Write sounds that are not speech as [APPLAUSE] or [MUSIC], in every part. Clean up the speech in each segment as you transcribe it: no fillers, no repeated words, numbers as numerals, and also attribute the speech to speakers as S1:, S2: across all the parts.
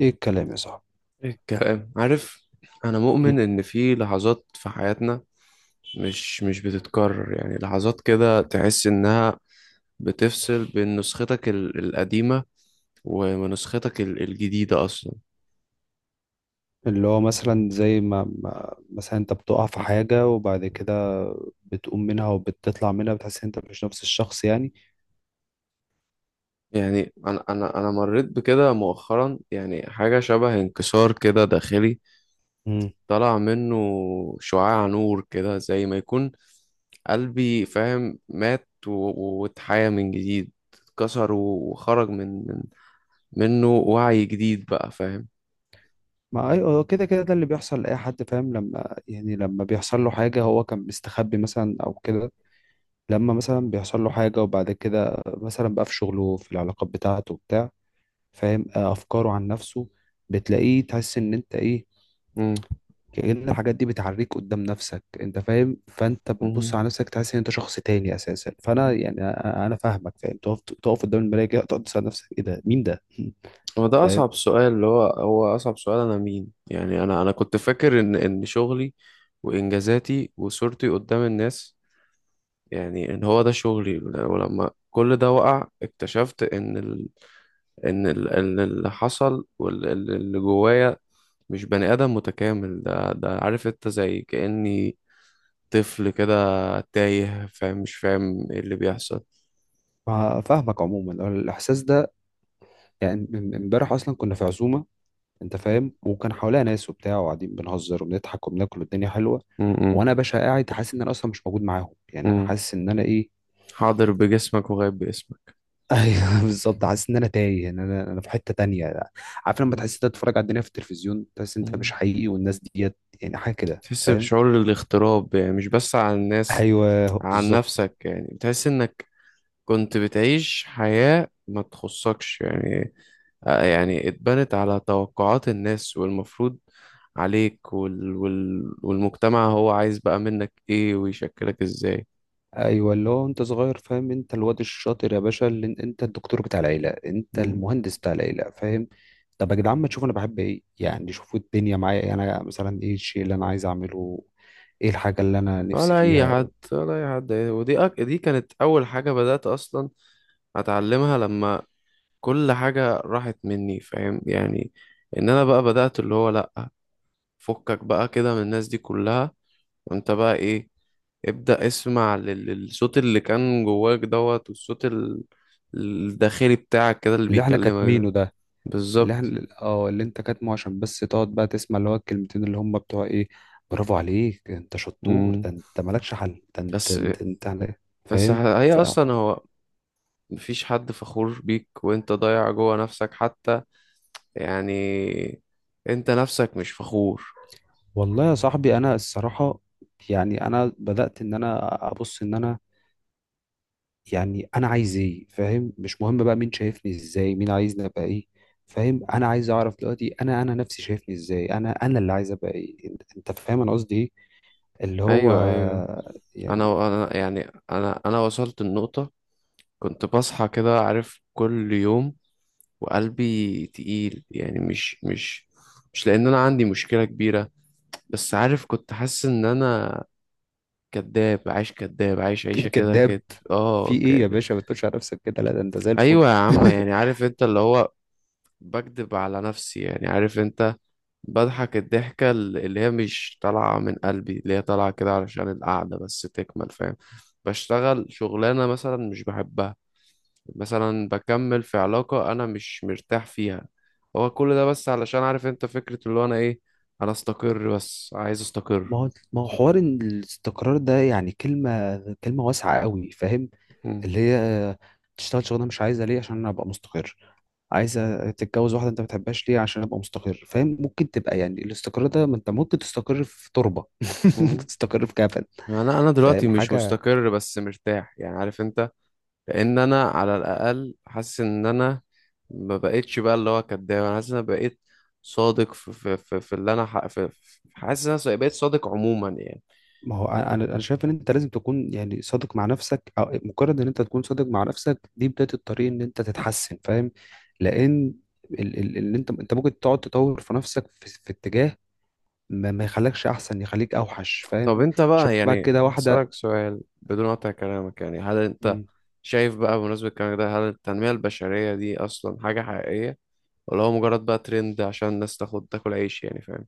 S1: ايه الكلام يا صاحبي؟
S2: إيه الكلام عارف. انا مؤمن ان في لحظات في حياتنا مش بتتكرر، يعني لحظات كده تحس انها بتفصل بين نسختك القديمة ونسختك الجديدة اصلا.
S1: اللي هو مثلا زي ما مثلا انت بتقع في حاجة وبعد كده بتقوم منها وبتطلع منها، بتحس ان انت مش نفس الشخص يعني.
S2: يعني انا مريت بكده مؤخرا، يعني حاجة شبه انكسار كده داخلي
S1: مم.
S2: طلع منه شعاع نور كده زي ما يكون قلبي فاهم، مات واتحيا من جديد، اتكسر وخرج منه وعي جديد بقى فاهم.
S1: ما اي هو كده ده اللي بيحصل لأي حد، فاهم؟ لما يعني لما بيحصل له حاجة هو كان مستخبي مثلا او كده، لما مثلا بيحصل له حاجة وبعد كده مثلا بقى في شغله، في العلاقات بتاعته وبتاع، فاهم؟ افكاره عن نفسه بتلاقيه، تحس ان انت ايه،
S2: مم.
S1: كأن الحاجات دي بتعريك قدام نفسك، انت فاهم؟ فانت بتبص
S2: مم.
S1: على نفسك تحس ان انت شخص تاني اساسا. فانا يعني انا فاهمك، فاهم؟ تقف قدام المراية كده، تقعد تسأل نفسك ايه ده، مين ده؟ [LAUGHS]
S2: هو ده
S1: فاهم.
S2: أصعب سؤال، اللي هو هو أصعب سؤال، أنا مين؟ يعني أنا كنت فاكر إن شغلي وإنجازاتي وصورتي قدام الناس، يعني إن هو ده شغلي. ولما كل ده وقع اكتشفت إن اللي حصل واللي جوايا مش بني آدم متكامل، ده عارف أنت زي كأني طفل كده تايه فاهم، مش فاهم إيه اللي بيحصل.
S1: فاهمك. عموما هو الاحساس ده يعني امبارح اصلا كنا في عزومة، انت فاهم، وكان حواليها ناس وبتاع، وقاعدين بنهزر وبنضحك وبناكل والدنيا حلوة،
S2: م- م-
S1: وانا يا باشا قاعد حاسس ان انا اصلا مش موجود معاهم. يعني انا
S2: م.
S1: حاسس ان انا ايه؟
S2: حاضر بجسمك وغايب باسمك.
S1: ايوه [LAUGHS] بالظبط. حاسس ان انا تايه، ان انا في حته تانية. عارف لما
S2: مم.
S1: تحس انت تتفرج على الدنيا في التلفزيون، تحس انت مش
S2: مم.
S1: حقيقي والناس ديت، يعني حاجه كده،
S2: تحس
S1: فاهم؟
S2: بشعور الاغتراب، يعني مش بس عن الناس،
S1: ايوه،
S2: عن
S1: بالظبط.
S2: نفسك، يعني بتحس انك كنت بتعيش حياة ما تخصكش يعني. آه، يعني اتبنت على توقعات الناس والمفروض عليك والمجتمع هو عايز بقى منك ايه ويشكلك ازاي.
S1: ايوه، اللي هو انت صغير، فاهم، انت الواد الشاطر يا باشا، اللي انت الدكتور بتاع العيله، انت
S2: مم.
S1: المهندس بتاع العيله، فاهم؟ طب يا جدعان ما تشوفوا انا بحب ايه؟ يعني شوفوا الدنيا معايا انا مثلا ايه الشيء اللي انا عايز اعمله، ايه الحاجه اللي انا نفسي
S2: ولا اي
S1: فيها؟
S2: حد ولا اي حد، ودي دي كانت اول حاجة بدأت اصلا اتعلمها لما كل حاجة راحت مني فاهم يعني، ان انا بقى بدأت اللي هو لأ، فكك بقى كده من الناس دي كلها، وانت بقى ايه، ابدأ اسمع للصوت اللي كان جواك دوت، والصوت الداخلي بتاعك كده اللي
S1: اللي احنا
S2: بيكلمك ده.
S1: كاتمينه ده، اللي
S2: بالظبط.
S1: احنا اه اللي انت كاتمه عشان بس تقعد بقى تسمع اللي هو الكلمتين اللي هم بتوع ايه، برافو عليك، انت شطور،
S2: مم.
S1: ده انت مالكش حل، ده انت
S2: بس
S1: انت إيه؟
S2: بس
S1: فاهم.
S2: هي
S1: ف،
S2: اصلا هو، مفيش حد فخور بيك وانت ضايع جوا نفسك حتى يعني، انت نفسك مش فخور.
S1: والله يا صاحبي انا الصراحة يعني انا بدأت ان انا ابص ان انا، يعني انا عايز ايه؟ فاهم؟ مش مهم بقى مين شايفني ازاي، مين عايزني ابقى ايه، فاهم؟ انا عايز اعرف دلوقتي انا، نفسي شايفني ازاي، انا اللي عايز ابقى ايه انت، فاهم انا قصدي ايه اللي هو
S2: ايوه، ايوه.
S1: يعني؟
S2: انا يعني انا وصلت النقطة، كنت بصحى كده عارف كل يوم وقلبي تقيل، يعني مش لأن أنا عندي مشكلة كبيرة، بس عارف كنت حاسس إن أنا كداب عايش، كداب عايش عيشة
S1: [LAUGHS]
S2: كده
S1: كداب؟
S2: كده.
S1: في
S2: اه
S1: ايه يا باشا؟ ما تقولش على نفسك كده، لا ده انت زي الفل.
S2: أيوة يا عم،
S1: [LAUGHS]
S2: يعني عارف أنت اللي هو بكدب على نفسي، يعني عارف أنت بضحك الضحكة اللي هي مش طالعة من قلبي، اللي هي طالعة كده علشان القعدة بس تكمل فاهم. بشتغل شغلانة مثلا مش بحبها، مثلا بكمل في علاقة أنا مش مرتاح فيها، هو كل ده بس علشان عارف أنت فكرة اللي هو أنا إيه. أنا أستقر، بس عايز أستقر.
S1: ما هو حوار إن الاستقرار ده يعني كلمة واسعة قوي، فاهم؟
S2: مم.
S1: اللي هي تشتغل شغلانة مش عايزة ليه؟ عشان انا ابقى مستقر. عايزة تتجوز واحدة انت ما بتحبهاش ليه؟ عشان ابقى مستقر. فاهم؟ ممكن تبقى يعني الاستقرار ده، ما انت ممكن تستقر في تربة، [LAUGHS] ممكن
S2: مم.
S1: تستقر في كفن.
S2: يعني أنا دلوقتي
S1: فاهم
S2: مش
S1: حاجة؟
S2: مستقر بس مرتاح، يعني عارف أنت. لأن أنا على الأقل حاسس إن أنا ما بقتش بقى اللي هو كداب، أنا حاسس إن أنا بقيت صادق في في في, في اللي أنا حاسس إن أنا بقيت صادق عموما يعني.
S1: ما هو انا انا شايف ان انت لازم تكون يعني صادق مع نفسك، او مجرد ان انت تكون صادق مع نفسك دي بداية الطريق ان انت تتحسن، فاهم؟ لان اللي انت ممكن تقعد تطور في نفسك في اتجاه ما يخليكش احسن، يخليك اوحش،
S2: طب
S1: فاهم؟
S2: انت بقى
S1: شباب
S2: يعني
S1: كده واحده.
S2: هسألك سؤال بدون قطع كلامك، يعني هل انت
S1: مم،
S2: شايف بقى بمناسبة الكلام ده، هل التنمية البشرية دي أصلا حاجة حقيقية، ولا هو مجرد بقى ترند عشان الناس تاخد تاكل عيش يعني فاهم؟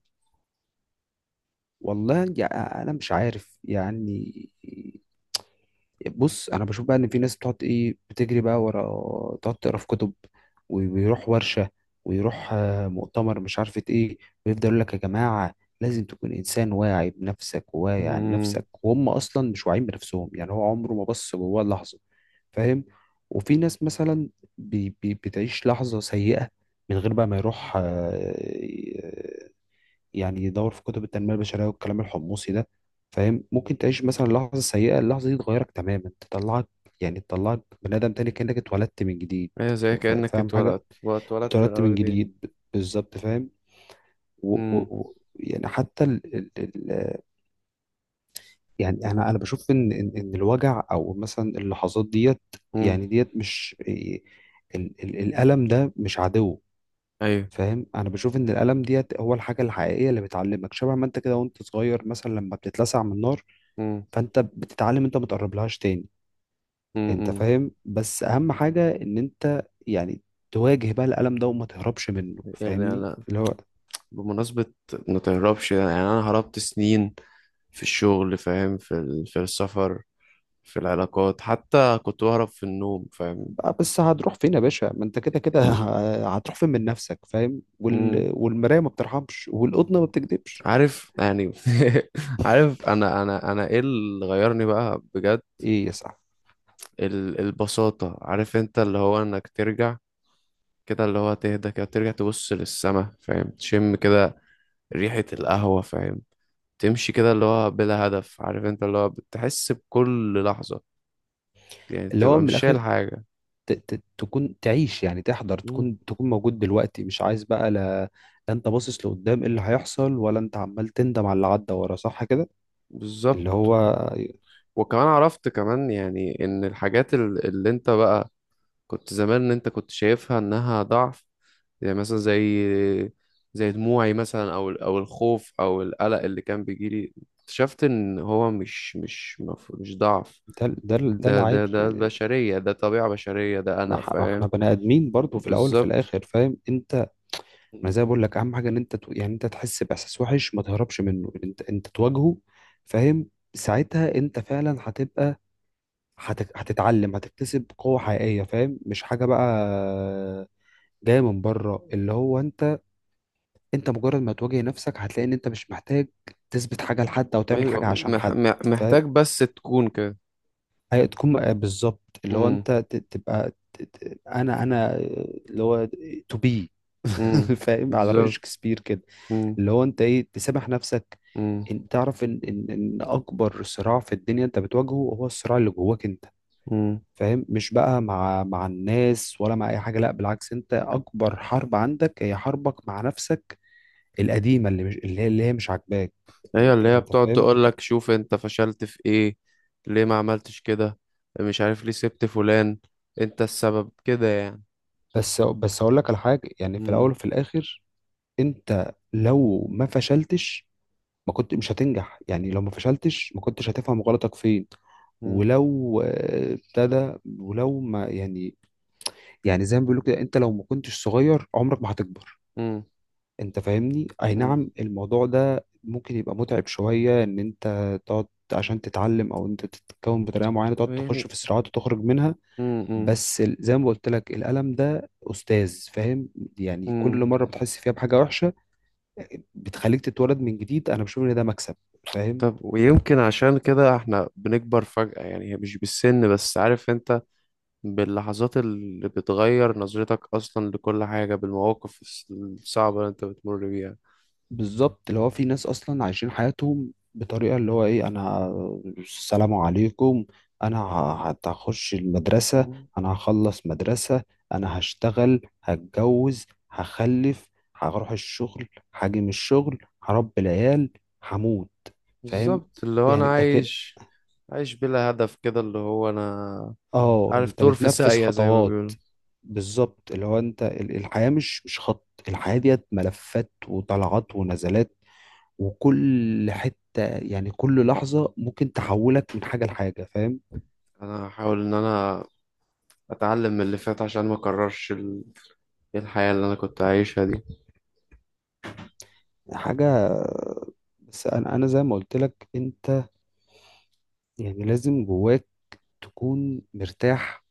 S1: والله انا مش عارف يعني. بص، انا بشوف بقى ان في ناس بتقعد ايه، بتجري بقى ورا، تقعد تقرا في كتب ويروح ورشه، ويروح مؤتمر مش عارفه ايه، ويفضل يقول لك يا جماعه لازم تكون انسان واعي بنفسك وواعي عن
S2: امم.
S1: نفسك، وهم اصلا مش واعيين بنفسهم، يعني هو عمره ما بص جواه لحظه، فاهم؟ وفي ناس مثلا بي بي بتعيش لحظه سيئه من غير بقى ما يروح يعني يدور في كتب التنمية البشرية والكلام الحمصي ده، فاهم؟ ممكن تعيش مثلا لحظة سيئة، اللحظة دي تغيرك تماما، تطلعك يعني تطلعك بني آدم تاني كأنك اتولدت من جديد.
S2: ايه، زي كأنك
S1: فاهم حاجة؟
S2: اتولدت من
S1: اتولدت من
S2: الأول دي.
S1: جديد بالظبط، فاهم؟ و و
S2: امم.
S1: و يعني حتى ال ال ال يعني انا بشوف ان إن الوجع او مثلا اللحظات ديت،
S2: امم.
S1: يعني ديت مش ال ال الألم ده مش عدو،
S2: ايوه.
S1: فاهم؟ انا بشوف ان الالم ديت هو الحاجه الحقيقيه اللي بتعلمك، شبه ما انت كده وانت صغير مثلا لما بتتلسع من النار،
S2: امم.
S1: فانت بتتعلم انت ما تقربلهاش تاني، انت
S2: امم.
S1: فاهم؟ بس اهم حاجه ان انت يعني تواجه بقى الالم ده وما تهربش منه،
S2: يعني
S1: فاهمني؟
S2: أنا،
S1: اللي هو
S2: بمناسبة ما تهربش، يعني أنا هربت سنين في الشغل فاهم، في السفر في العلاقات، حتى كنت بهرب في النوم فاهم؟
S1: بقى بس هتروح فين يا باشا؟ ما انت كده كده، [LAUGHS] هتروح فين من نفسك؟ فاهم؟ وال... والمرايه ما بترحمش، والقطنه ما بتكذبش.
S2: عارف يعني [LAUGHS] عارف انا ايه اللي غيرني بقى بجد.
S1: ايه يا صاحبي؟
S2: البساطة، عارف انت اللي هو انك ترجع كده، اللي هو تهدى كده ترجع تبص للسما فاهم، تشم كده ريحة القهوة فاهم، تمشي كده اللي هو بلا هدف عارف انت، اللي هو بتحس بكل لحظة يعني
S1: اللي هو
S2: تبقى
S1: من
S2: مش
S1: الاخر،
S2: شايل حاجة.
S1: تكون تعيش، يعني تحضر،
S2: مم.
S1: تكون موجود دلوقتي، مش عايز بقى لا انت باصص لقدام ايه اللي هيحصل، ولا انت عمال تندم على اللي عدى ورا، صح كده؟ اللي
S2: بالظبط.
S1: هو
S2: وكمان عرفت كمان، يعني ان الحاجات اللي انت بقى كنت زمان ان انت كنت شايفها انها ضعف، يعني مثلا زي دموعي مثلا او الخوف او القلق اللي كان بيجيلي، اكتشفت ان هو مش ضعف.
S1: ده ده ده
S2: ده ده
S1: العادي
S2: ده
S1: يعني.
S2: بشرية، ده طبيعة بشرية، ده
S1: ما
S2: انا
S1: احنا
S2: فاهم.
S1: بني ادمين برضو في الاول وفي
S2: بالظبط.
S1: الاخر، فاهم انت؟ ما
S2: مم.
S1: زي ما بقول لك، اهم حاجه ان انت يعني انت تحس باحساس وحش ما تهربش منه، انت تواجهه، فاهم؟ ساعتها انت فعلا هتبقى هتتعلم، هتكتسب قوة حقيقية، فاهم؟ مش حاجة بقى جاية من بره، اللي هو انت، مجرد ما تواجه نفسك هتلاقي ان انت مش محتاج تثبت حاجه لحد او تعمل
S2: ايوه،
S1: حاجه عشان حد.
S2: محتاج بس تكون كده.
S1: فهتكون بالظبط اللي هو
S2: امم.
S1: انت ت- تبقى ت- ت- انا انا اللي هو تو بي،
S2: امم.
S1: [LAUGHS] فاهم؟ على رأي
S2: بالظبط.
S1: شكسبير كده،
S2: امم.
S1: اللي هو انت ايه تسامح نفسك،
S2: امم.
S1: ان تعرف ان اكبر صراع في الدنيا انت بتواجهه هو الصراع اللي جواك انت،
S2: امم.
S1: فاهم؟ مش بقى مع الناس ولا مع اي حاجه، لا بالعكس، انت اكبر حرب عندك هي حربك مع نفسك القديمه اللي مش اللي هي اللي هي مش عاجباك.
S2: هي
S1: انت
S2: اللي هي
S1: انت
S2: بتقعد
S1: فاهم.
S2: تقول لك شوف انت فشلت في ايه، ليه ما عملتش كده، مش عارف ليه سبت فلان، انت السبب كده
S1: بس اقول لك على حاجه، يعني في
S2: يعني.
S1: الاول وفي الاخر انت لو ما فشلتش ما كنت مش هتنجح، يعني لو ما فشلتش ما كنتش هتفهم غلطك فين.
S2: مم.
S1: ولو ابتدى، ولو ما يعني، يعني زي ما بيقولوا كده انت لو ما كنتش صغير عمرك ما هتكبر،
S2: مم.
S1: انت فاهمني؟ اي
S2: مم.
S1: نعم الموضوع ده ممكن يبقى متعب شويه ان انت تقعد عشان تتعلم، او انت تتكون بطريقه معينه، تقعد
S2: يعني
S1: تخش في صراعات وتخرج منها.
S2: مم. مم.
S1: بس زي ما قلت لك الألم ده أستاذ، فاهم؟ يعني كل
S2: مم.
S1: مرة بتحس فيها بحاجة وحشة، بتخليك تتولد من جديد. أنا بشوف إن ده مكسب، فاهم؟
S2: طب ويمكن عشان كده احنا بنكبر فجأة، يعني هي مش بالسن بس عارف انت، باللحظات اللي بتغير نظرتك اصلا لكل حاجة، بالمواقف الصعبة اللي انت بتمر بيها.
S1: بالظبط. اللي هو في ناس أصلا عايشين حياتهم بطريقة اللي هو إيه؟ أنا السلام عليكم، أنا هخش المدرسة،
S2: مم.
S1: أنا هخلص مدرسة، أنا هشتغل، هتجوز، هخلف، هروح الشغل، هاجي من الشغل، هربي العيال، هموت. فاهم
S2: بالظبط، اللي هو انا
S1: يعني؟
S2: عايش، عايش بلا هدف كده، اللي هو انا
S1: اه
S2: عارف
S1: انت
S2: طور في
S1: بتنفذ
S2: ساقية زي ما
S1: خطوات.
S2: بيقولوا.
S1: بالظبط، اللي هو انت الحياة مش خط، الحياة ديت ملفات وطلعات ونزلات، وكل حتة يعني كل لحظة ممكن تحولك من حاجة لحاجة، فاهم؟
S2: انا هحاول ان انا اتعلم من اللي فات، عشان ما اكررش الحياة اللي انا كنت عايشها دي.
S1: حاجة، بس انا زي ما قلت لك، انت يعني لازم جواك تكون مرتاح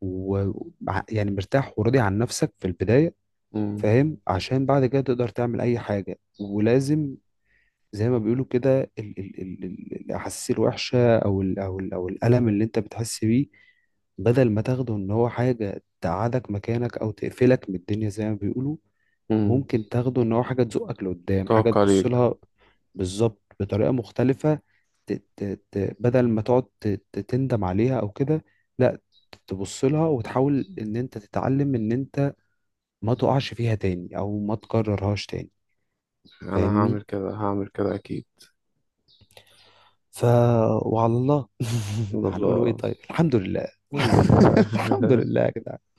S1: و يعني مرتاح وراضي عن نفسك في البداية،
S2: مم.
S1: فاهم؟ عشان بعد كده تقدر تعمل اي حاجة. ولازم زي ما بيقولوا كده الأحاسيس الوحشة أو ال أو ال أو الألم اللي أنت بتحس بيه، بدل ما تاخده إن هو حاجة تقعدك مكانك أو تقفلك من الدنيا زي ما بيقولوا،
S2: مم.
S1: ممكن تاخده إن هو حاجة تزقك لقدام، حاجة
S2: توقع
S1: تبص
S2: عليك.
S1: لها بالظبط بطريقة مختلفة، ت ت ت بدل ما تقعد ت ت تندم عليها أو كده، لا، تبص لها وتحاول إن أنت تتعلم إن أنت ما تقعش فيها تاني أو ما تكررهاش تاني،
S2: انا
S1: فاهمني؟
S2: هعمل كده، هعمل كده اكيد.
S1: ف، وعلى الله [LAUGHS]
S2: الحمد
S1: هنقوله ايه؟
S2: لله.
S1: طيب الحمد لله.
S2: الحمد
S1: [LAUGHS] الحمد
S2: لله. [LAUGHS]
S1: لله يا جدعان.